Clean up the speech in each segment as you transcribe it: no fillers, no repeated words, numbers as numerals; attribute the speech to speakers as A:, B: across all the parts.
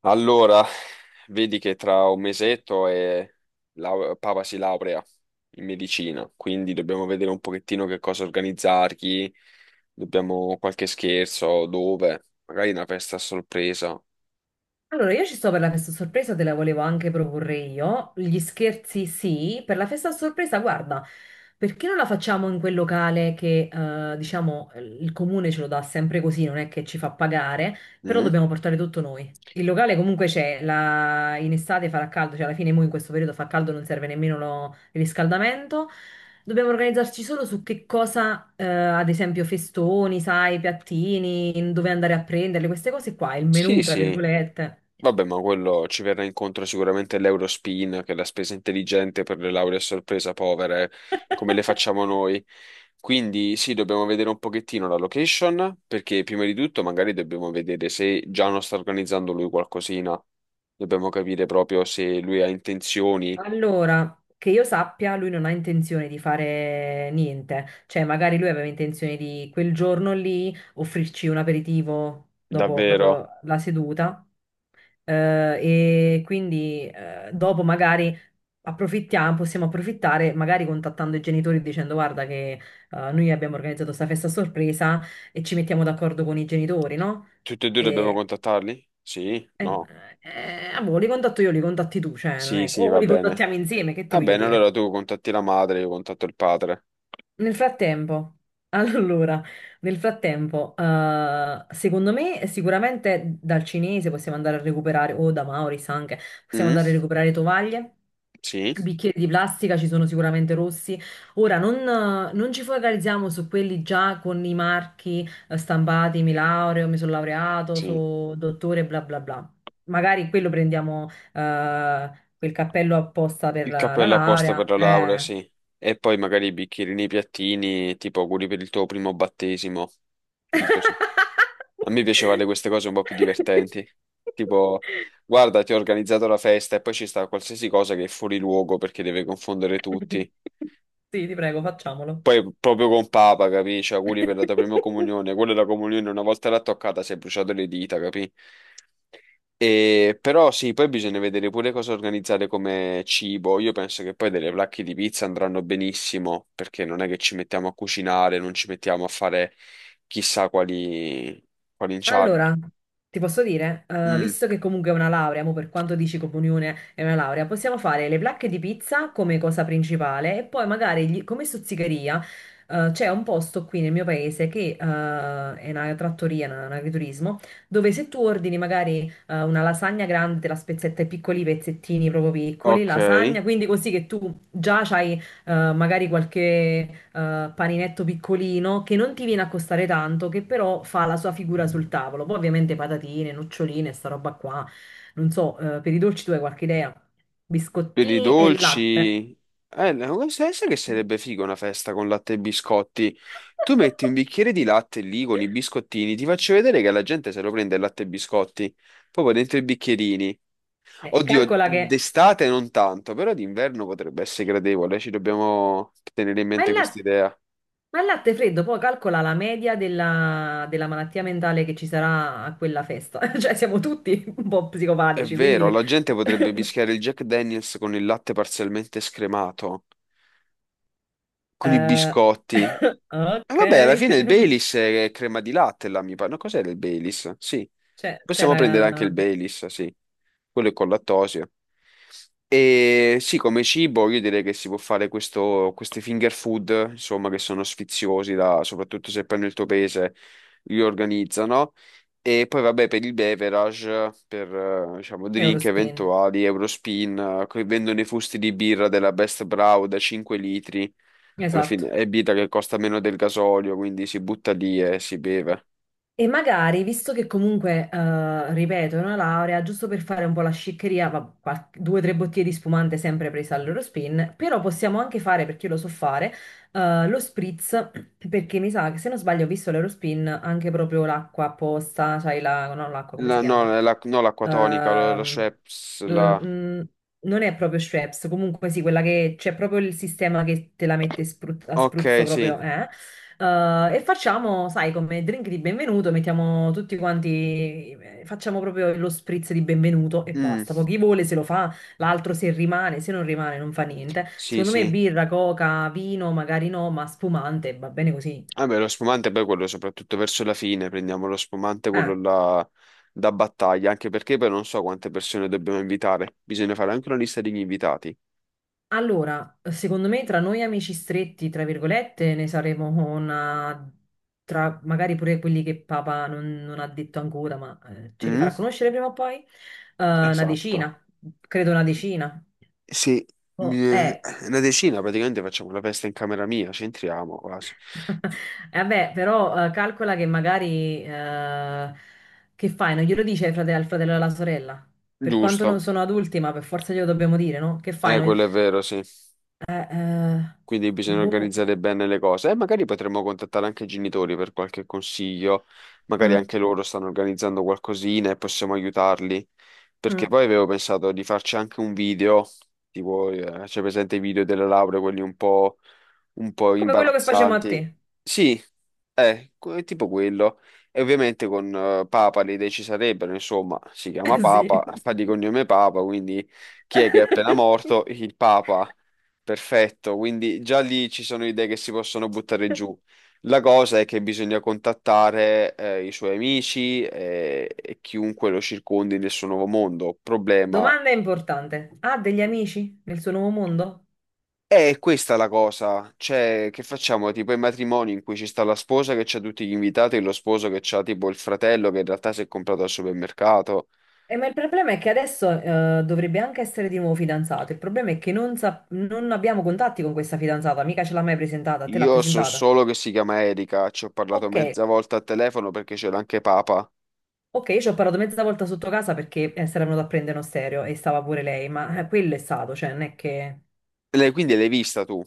A: Allora, vedi che tra un mesetto e Papa si laurea in medicina, quindi dobbiamo vedere un pochettino che cosa organizzargli, dobbiamo qualche scherzo, dove, magari una festa a sorpresa.
B: Allora, io ci sto per la festa a sorpresa, te la volevo anche proporre io. Gli scherzi sì, per la festa a sorpresa, guarda, perché non la facciamo in quel locale che, diciamo, il comune ce lo dà sempre così, non è che ci fa pagare, però
A: Mm?
B: dobbiamo portare tutto noi. Il locale comunque c'è, in estate farà caldo, cioè alla fine mo in questo periodo fa caldo, non serve nemmeno il riscaldamento. Dobbiamo organizzarci solo su che cosa, ad esempio festoni, sai, piattini, dove andare a prenderle, queste cose qua, il menù,
A: Sì,
B: tra
A: sì.
B: virgolette.
A: Vabbè, ma quello ci verrà incontro sicuramente l'Eurospin, che è la spesa intelligente per le lauree a sorpresa povere, come le facciamo noi. Quindi sì, dobbiamo vedere un pochettino la location, perché prima di tutto magari dobbiamo vedere se Giano sta organizzando lui qualcosina. Dobbiamo capire proprio se lui ha intenzioni,
B: Allora, che io sappia, lui non ha intenzione di fare niente, cioè magari lui aveva intenzione di quel giorno lì offrirci un aperitivo dopo
A: davvero.
B: proprio la seduta eh, e quindi dopo magari approfittiamo, possiamo approfittare magari contattando i genitori e dicendo guarda che noi abbiamo organizzato questa festa a sorpresa e ci mettiamo d'accordo con i genitori, no?
A: Tutti e due dobbiamo
B: E
A: contattarli? Sì?
B: Eh,
A: No?
B: boh, li contatto io, li contatti tu, cioè, non
A: Sì,
B: è...
A: sì,
B: O
A: va
B: li
A: bene.
B: contattiamo insieme, che ti
A: Va
B: voglio
A: bene, allora
B: dire?
A: tu contatti la madre, io contatto il padre.
B: Nel frattempo, allora, nel frattempo, secondo me sicuramente dal cinese possiamo andare a recuperare, o da Maurice anche, possiamo andare a
A: Mm?
B: recuperare tovaglie,
A: Sì?
B: bicchieri di plastica, ci sono sicuramente rossi. Ora, non ci focalizziamo su quelli già con i marchi stampati, mi laureo, mi sono laureato,
A: Sì.
B: sono dottore, bla bla bla. Magari quello prendiamo, eh, quel cappello apposta per
A: Il
B: la
A: cappello apposta per
B: laurea.
A: la laurea, sì. E poi magari i bicchierini, i piattini, tipo auguri per il tuo primo battesimo. Per il tuo so- A me piace fare queste cose un po' più divertenti. Tipo, guarda, ti ho organizzato la festa e poi ci sta qualsiasi cosa che è fuori luogo perché deve confondere tutti.
B: Sì, ti prego, facciamolo.
A: Poi proprio con Papa, capì? Cioè, auguri per la tua prima comunione. Quella è la comunione, una volta l'ha toccata, si è bruciato le dita, capì? Però sì, poi bisogna vedere pure cosa organizzare come cibo. Io penso che poi delle placche di pizza andranno benissimo, perché non è che ci mettiamo a cucinare, non ci mettiamo a fare chissà quali inciagini.
B: Allora, ti posso dire,
A: Mm,
B: visto che comunque è una laurea, mo per quanto dici comunione è una laurea, possiamo fare le placche di pizza come cosa principale e poi magari come stuzzicheria, c'è un posto qui nel mio paese che è una trattoria, un agriturismo, dove se tu ordini magari una lasagna grande, te la spezzetta in piccoli pezzettini proprio piccoli,
A: ok,
B: lasagna, quindi così che tu già hai magari qualche paninetto piccolino che non ti viene a costare tanto, che però fa la sua figura sul tavolo. Poi ovviamente patatine, noccioline, sta roba qua. Non so, per i dolci tu hai qualche idea?
A: per i
B: Biscottini e latte.
A: dolci, no, sai che sarebbe figo una festa con latte e biscotti. Tu metti un bicchiere di latte lì con i biscottini, ti faccio vedere che la gente se lo prende il latte e biscotti, proprio dentro i bicchierini. Oddio,
B: Calcola che...
A: d'estate non tanto, però d'inverno potrebbe essere gradevole, ci dobbiamo tenere in
B: Ma
A: mente
B: il
A: questa
B: latte,
A: idea.
B: ma il latte freddo, poi calcola la media della malattia mentale che ci sarà a quella festa. Cioè siamo tutti un po'
A: È
B: psicopatici,
A: vero,
B: quindi...
A: la gente potrebbe mischiare il Jack Daniels con il latte parzialmente scremato, con i
B: eh,
A: biscotti.
B: ok.
A: Vabbè, alla fine il Baileys è crema di latte, là, mi pare. No, cos'era il Baileys? Sì.
B: C'è c'è
A: Possiamo prendere anche
B: la
A: il Baileys, sì. Quello è con lattosio. E sì, come cibo io direi che si può fare questo, queste finger food, insomma, che sono sfiziosi, da- soprattutto se poi nel tuo paese li organizzano. E poi vabbè, per il beverage, per diciamo drink
B: Eurospin,
A: eventuali, Eurospin, che vendono i fusti di birra della Best Brow da 5 litri alla
B: esatto.
A: fine è vita che costa meno del gasolio, quindi si butta lì e si beve.
B: E magari, visto che comunque, ripeto, è una laurea, giusto per fare un po' la sciccheria, due o tre bottiglie di spumante sempre presa all'Eurospin, però possiamo anche fare, perché io lo so fare, lo spritz, perché mi sa che se non sbaglio ho visto l'Eurospin anche proprio l'acqua apposta, sai la, no, l'acqua, come si
A: No,
B: chiama?
A: la, no, l'acqua tonica, la
B: Ehm,
A: Schweppes,
B: l-
A: la...
B: mm, non è proprio Schweppes, comunque sì, quella che c'è proprio il sistema che te la mette a spruzzo
A: Ok, sì.
B: proprio, eh? E facciamo, sai, come drink di benvenuto, mettiamo tutti quanti, facciamo proprio lo spritz di benvenuto e
A: Mm,
B: basta. Poi chi vuole se lo fa, l'altro se rimane, se non rimane non fa niente.
A: sì,
B: Secondo me
A: sì.
B: birra, coca, vino, magari no, ma spumante, va bene così.
A: Vabbè, lo spumante poi quello soprattutto verso la fine, prendiamo lo spumante,
B: Eh,
A: quello là da battaglia, anche perché poi non so quante persone dobbiamo invitare. Bisogna fare anche una lista degli invitati.
B: allora, secondo me tra noi amici stretti, tra virgolette, ne saremo una... tra magari pure quelli che papà non ha detto ancora, ma ce li
A: Mm,
B: farà conoscere prima o poi, una
A: esatto.
B: decina, credo una decina.
A: Sì,
B: Oh,
A: eh,
B: eh.
A: una decina praticamente facciamo la festa in camera mia, ci entriamo quasi.
B: Vabbè, però calcola che magari che fai? Non glielo dice ai al fratello e alla sorella? Per quanto non
A: Giusto.
B: sono adulti, ma per forza glielo dobbiamo dire, no? Che fai?
A: Quello è vero, sì.
B: Eh, eh,
A: Quindi bisogna
B: boh,
A: organizzare bene le cose. E magari potremmo contattare anche i genitori per qualche consiglio. Magari
B: mm,
A: anche loro stanno organizzando qualcosina e possiamo aiutarli. Perché
B: mm.
A: poi avevo pensato di farci anche un video, tipo, c'è presente i video delle lauree, quelli un po'
B: Come quello che facciamo a
A: imbarazzanti.
B: te.
A: Sì, tipo quello. E ovviamente con Papa le idee ci sarebbero, insomma, si chiama
B: Eh sì.
A: Papa, fa di cognome Papa, quindi chi è che è appena morto? Il Papa. Perfetto, quindi già lì ci sono idee che si possono buttare giù. La cosa è che bisogna contattare i suoi amici e chiunque lo circondi nel suo nuovo mondo. Problema
B: Domanda importante. Ha degli amici nel suo nuovo mondo?
A: è questa la cosa, cioè che facciamo tipo i matrimoni in cui ci sta la sposa che c'ha tutti gli invitati e lo sposo che c'ha tipo il fratello che in realtà si è comprato al supermercato.
B: Ma il problema è che adesso dovrebbe anche essere di nuovo fidanzato. Il problema è che non abbiamo contatti con questa fidanzata, mica ce l'ha mai presentata, te l'ha
A: Io so
B: presentata.
A: solo che si chiama Erika, ci ho parlato
B: Ok,
A: mezza volta al telefono perché c'era anche Papa.
B: ok, io ci ho parlato mezza volta sotto casa perché si era venuto a prendere uno stereo e stava pure lei, ma quello è stato, cioè non è che...
A: Quindi l'hai vista tu?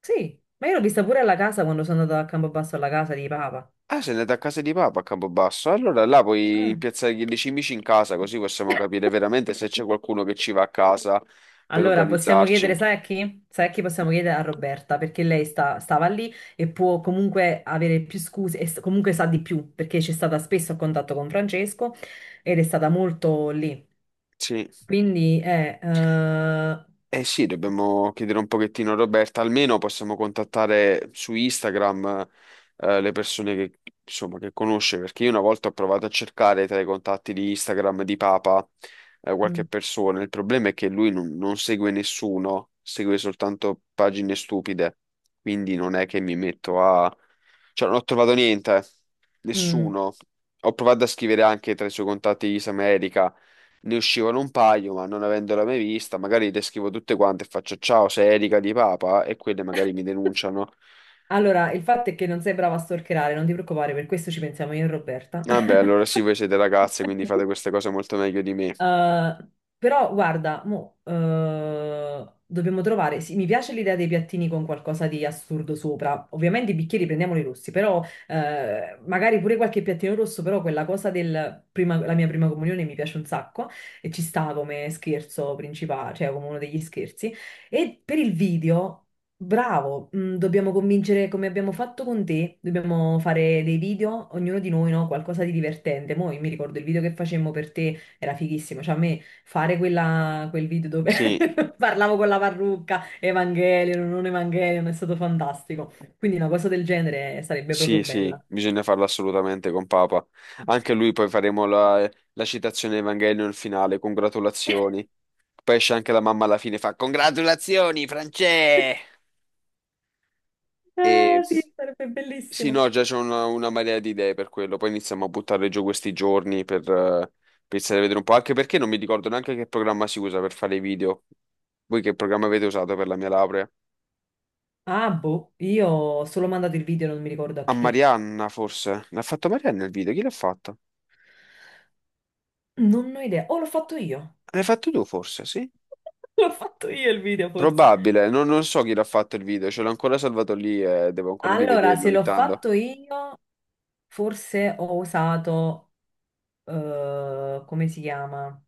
B: Sì, ma io l'ho vista pure alla casa quando sono andata a Campobasso alla casa di Papa.
A: Ah, se andate a casa di Papa a Campobasso, allora là puoi
B: Ah.
A: impiazzare gli cimici in casa, così possiamo capire veramente se c'è qualcuno che ci va a casa per
B: Allora, possiamo
A: organizzarci.
B: chiedere, sai a chi? Sai a chi possiamo chiedere? A Roberta, perché lei stava lì e può comunque avere più scuse e comunque sa di più, perché c'è stata spesso a contatto con Francesco ed è stata molto lì.
A: Sì.
B: Quindi,
A: Eh sì, dobbiamo chiedere un pochettino a Roberta, almeno possiamo contattare su Instagram le persone che, insomma, che conosce, perché io una volta ho provato a cercare tra i contatti di Instagram di Papa qualche
B: mm,
A: persona, il problema è che lui non segue nessuno, segue soltanto pagine stupide, quindi non è che mi metto a... Cioè non ho trovato niente,
B: mm.
A: nessuno. Ho provato a scrivere anche tra i suoi contatti Isam e Erika, ne uscivano un paio, ma non avendola mai vista, magari le scrivo tutte quante e faccio ciao, sei Erika di Papa e quelle magari mi denunciano.
B: Allora, il fatto è che non sei brava a storcherare, non ti preoccupare, per questo ci pensiamo io e Roberta.
A: Vabbè, allora sì, voi siete ragazze, quindi fate queste cose molto meglio di me.
B: Eh, però guarda, mo, dobbiamo trovare. Sì, mi piace l'idea dei piattini con qualcosa di assurdo sopra. Ovviamente i bicchieri prendiamoli rossi, però magari pure qualche piattino rosso, però quella cosa del la mia prima comunione mi piace un sacco e ci sta come scherzo principale, cioè come uno degli scherzi. E per il video. Bravo, mm, dobbiamo convincere come abbiamo fatto con te, dobbiamo fare dei video, ognuno di noi, no? Qualcosa di divertente. Mo' io mi ricordo il video che facemmo per te era fighissimo, cioè a me fare quel video dove
A: Sì,
B: parlavo con la parrucca, Evangelion, non Evangelion, è stato fantastico. Quindi una cosa del genere sarebbe proprio
A: sì, sì,
B: bella.
A: bisogna farlo assolutamente con Papa. Anche lui poi faremo la, la citazione Evangelion finale, congratulazioni. Poi esce anche la mamma alla fine, fa congratulazioni, Francè! E
B: Ah, sì, sarebbe
A: Sì, no,
B: bellissimo.
A: già c'è una marea di idee per quello. Poi iniziamo a buttare giù questi giorni per pensare a vedere un po'. Anche perché non mi ricordo neanche che programma si usa per fare i video. Voi che programma avete usato per la mia laurea?
B: Ah, boh, io ho solo mandato il video, non mi ricordo a
A: A
B: chi.
A: Marianna, forse. L'ha fatto Marianna il video? Chi l'ha fatto?
B: Non ho idea. Oh, l'ho fatto io.
A: L'hai fatto tu, forse, sì?
B: L'ho fatto io il video, forse.
A: Probabile. Non, non so chi l'ha fatto il video. Ce l'ho ancora salvato lì e devo ancora
B: Allora,
A: rivederlo
B: se
A: ogni
B: l'ho
A: tanto.
B: fatto io, forse ho usato, come si chiama?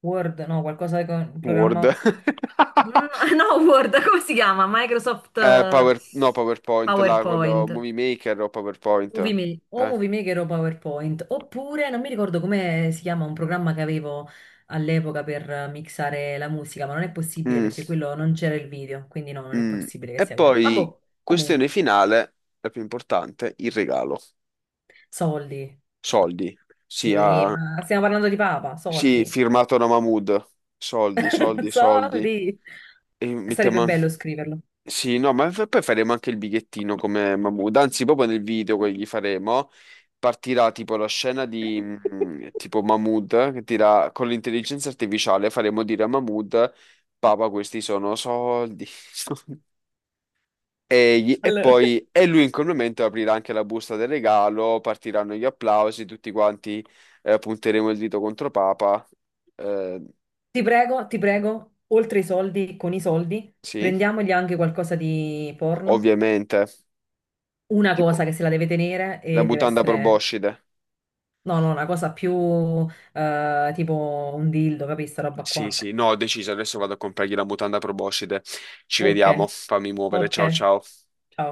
B: Word, no, qualcosa con un
A: Word.
B: programma. Mm, no, Word, come si chiama? Microsoft
A: No, PowerPoint, là, quello...
B: PowerPoint.
A: Movie Maker o PowerPoint.
B: O
A: Eh.
B: Movie Maker o PowerPoint. Oppure, non mi ricordo come si chiama un programma che avevo all'epoca per mixare la musica, ma non è possibile
A: Mm.
B: perché quello non c'era il video, quindi no, non è
A: Mm.
B: possibile che
A: E
B: sia quello. Ma
A: poi,
B: boh,
A: questione
B: comunque,
A: finale, la più importante, il regalo.
B: soldi.
A: Soldi. Sì,
B: Sì,
A: ah,
B: ma stiamo parlando di Papa,
A: sì,
B: soldi.
A: firmato da Mahmood. Soldi, soldi, soldi.
B: Soldi.
A: E
B: Sarebbe
A: mettiamo
B: bello
A: anche...
B: scriverlo.
A: Sì, no, ma poi faremo anche il bigliettino come Mahmood. Anzi, proprio nel video che gli faremo, partirà tipo la scena di tipo Mahmood, che tira con l'intelligenza artificiale, faremo dire a Mahmood, Papa, questi sono soldi. Egli, e
B: Allora.
A: poi e lui in quel momento aprirà anche la busta del regalo, partiranno gli applausi, tutti quanti punteremo il dito contro Papa. Eh,
B: Ti prego, oltre i soldi, con i soldi,
A: sì,
B: prendiamogli anche qualcosa di porno,
A: ovviamente.
B: una
A: Tipo
B: cosa che se la deve tenere
A: la
B: e deve
A: mutanda
B: essere,
A: proboscide.
B: no, no, una cosa più tipo un dildo, capisci, sta roba
A: Sì,
B: qua.
A: sì, no, ho deciso, adesso vado a comprargli la mutanda proboscide. Ci
B: Ok,
A: vediamo, fammi muovere,
B: ok,
A: ciao ciao.
B: ciao.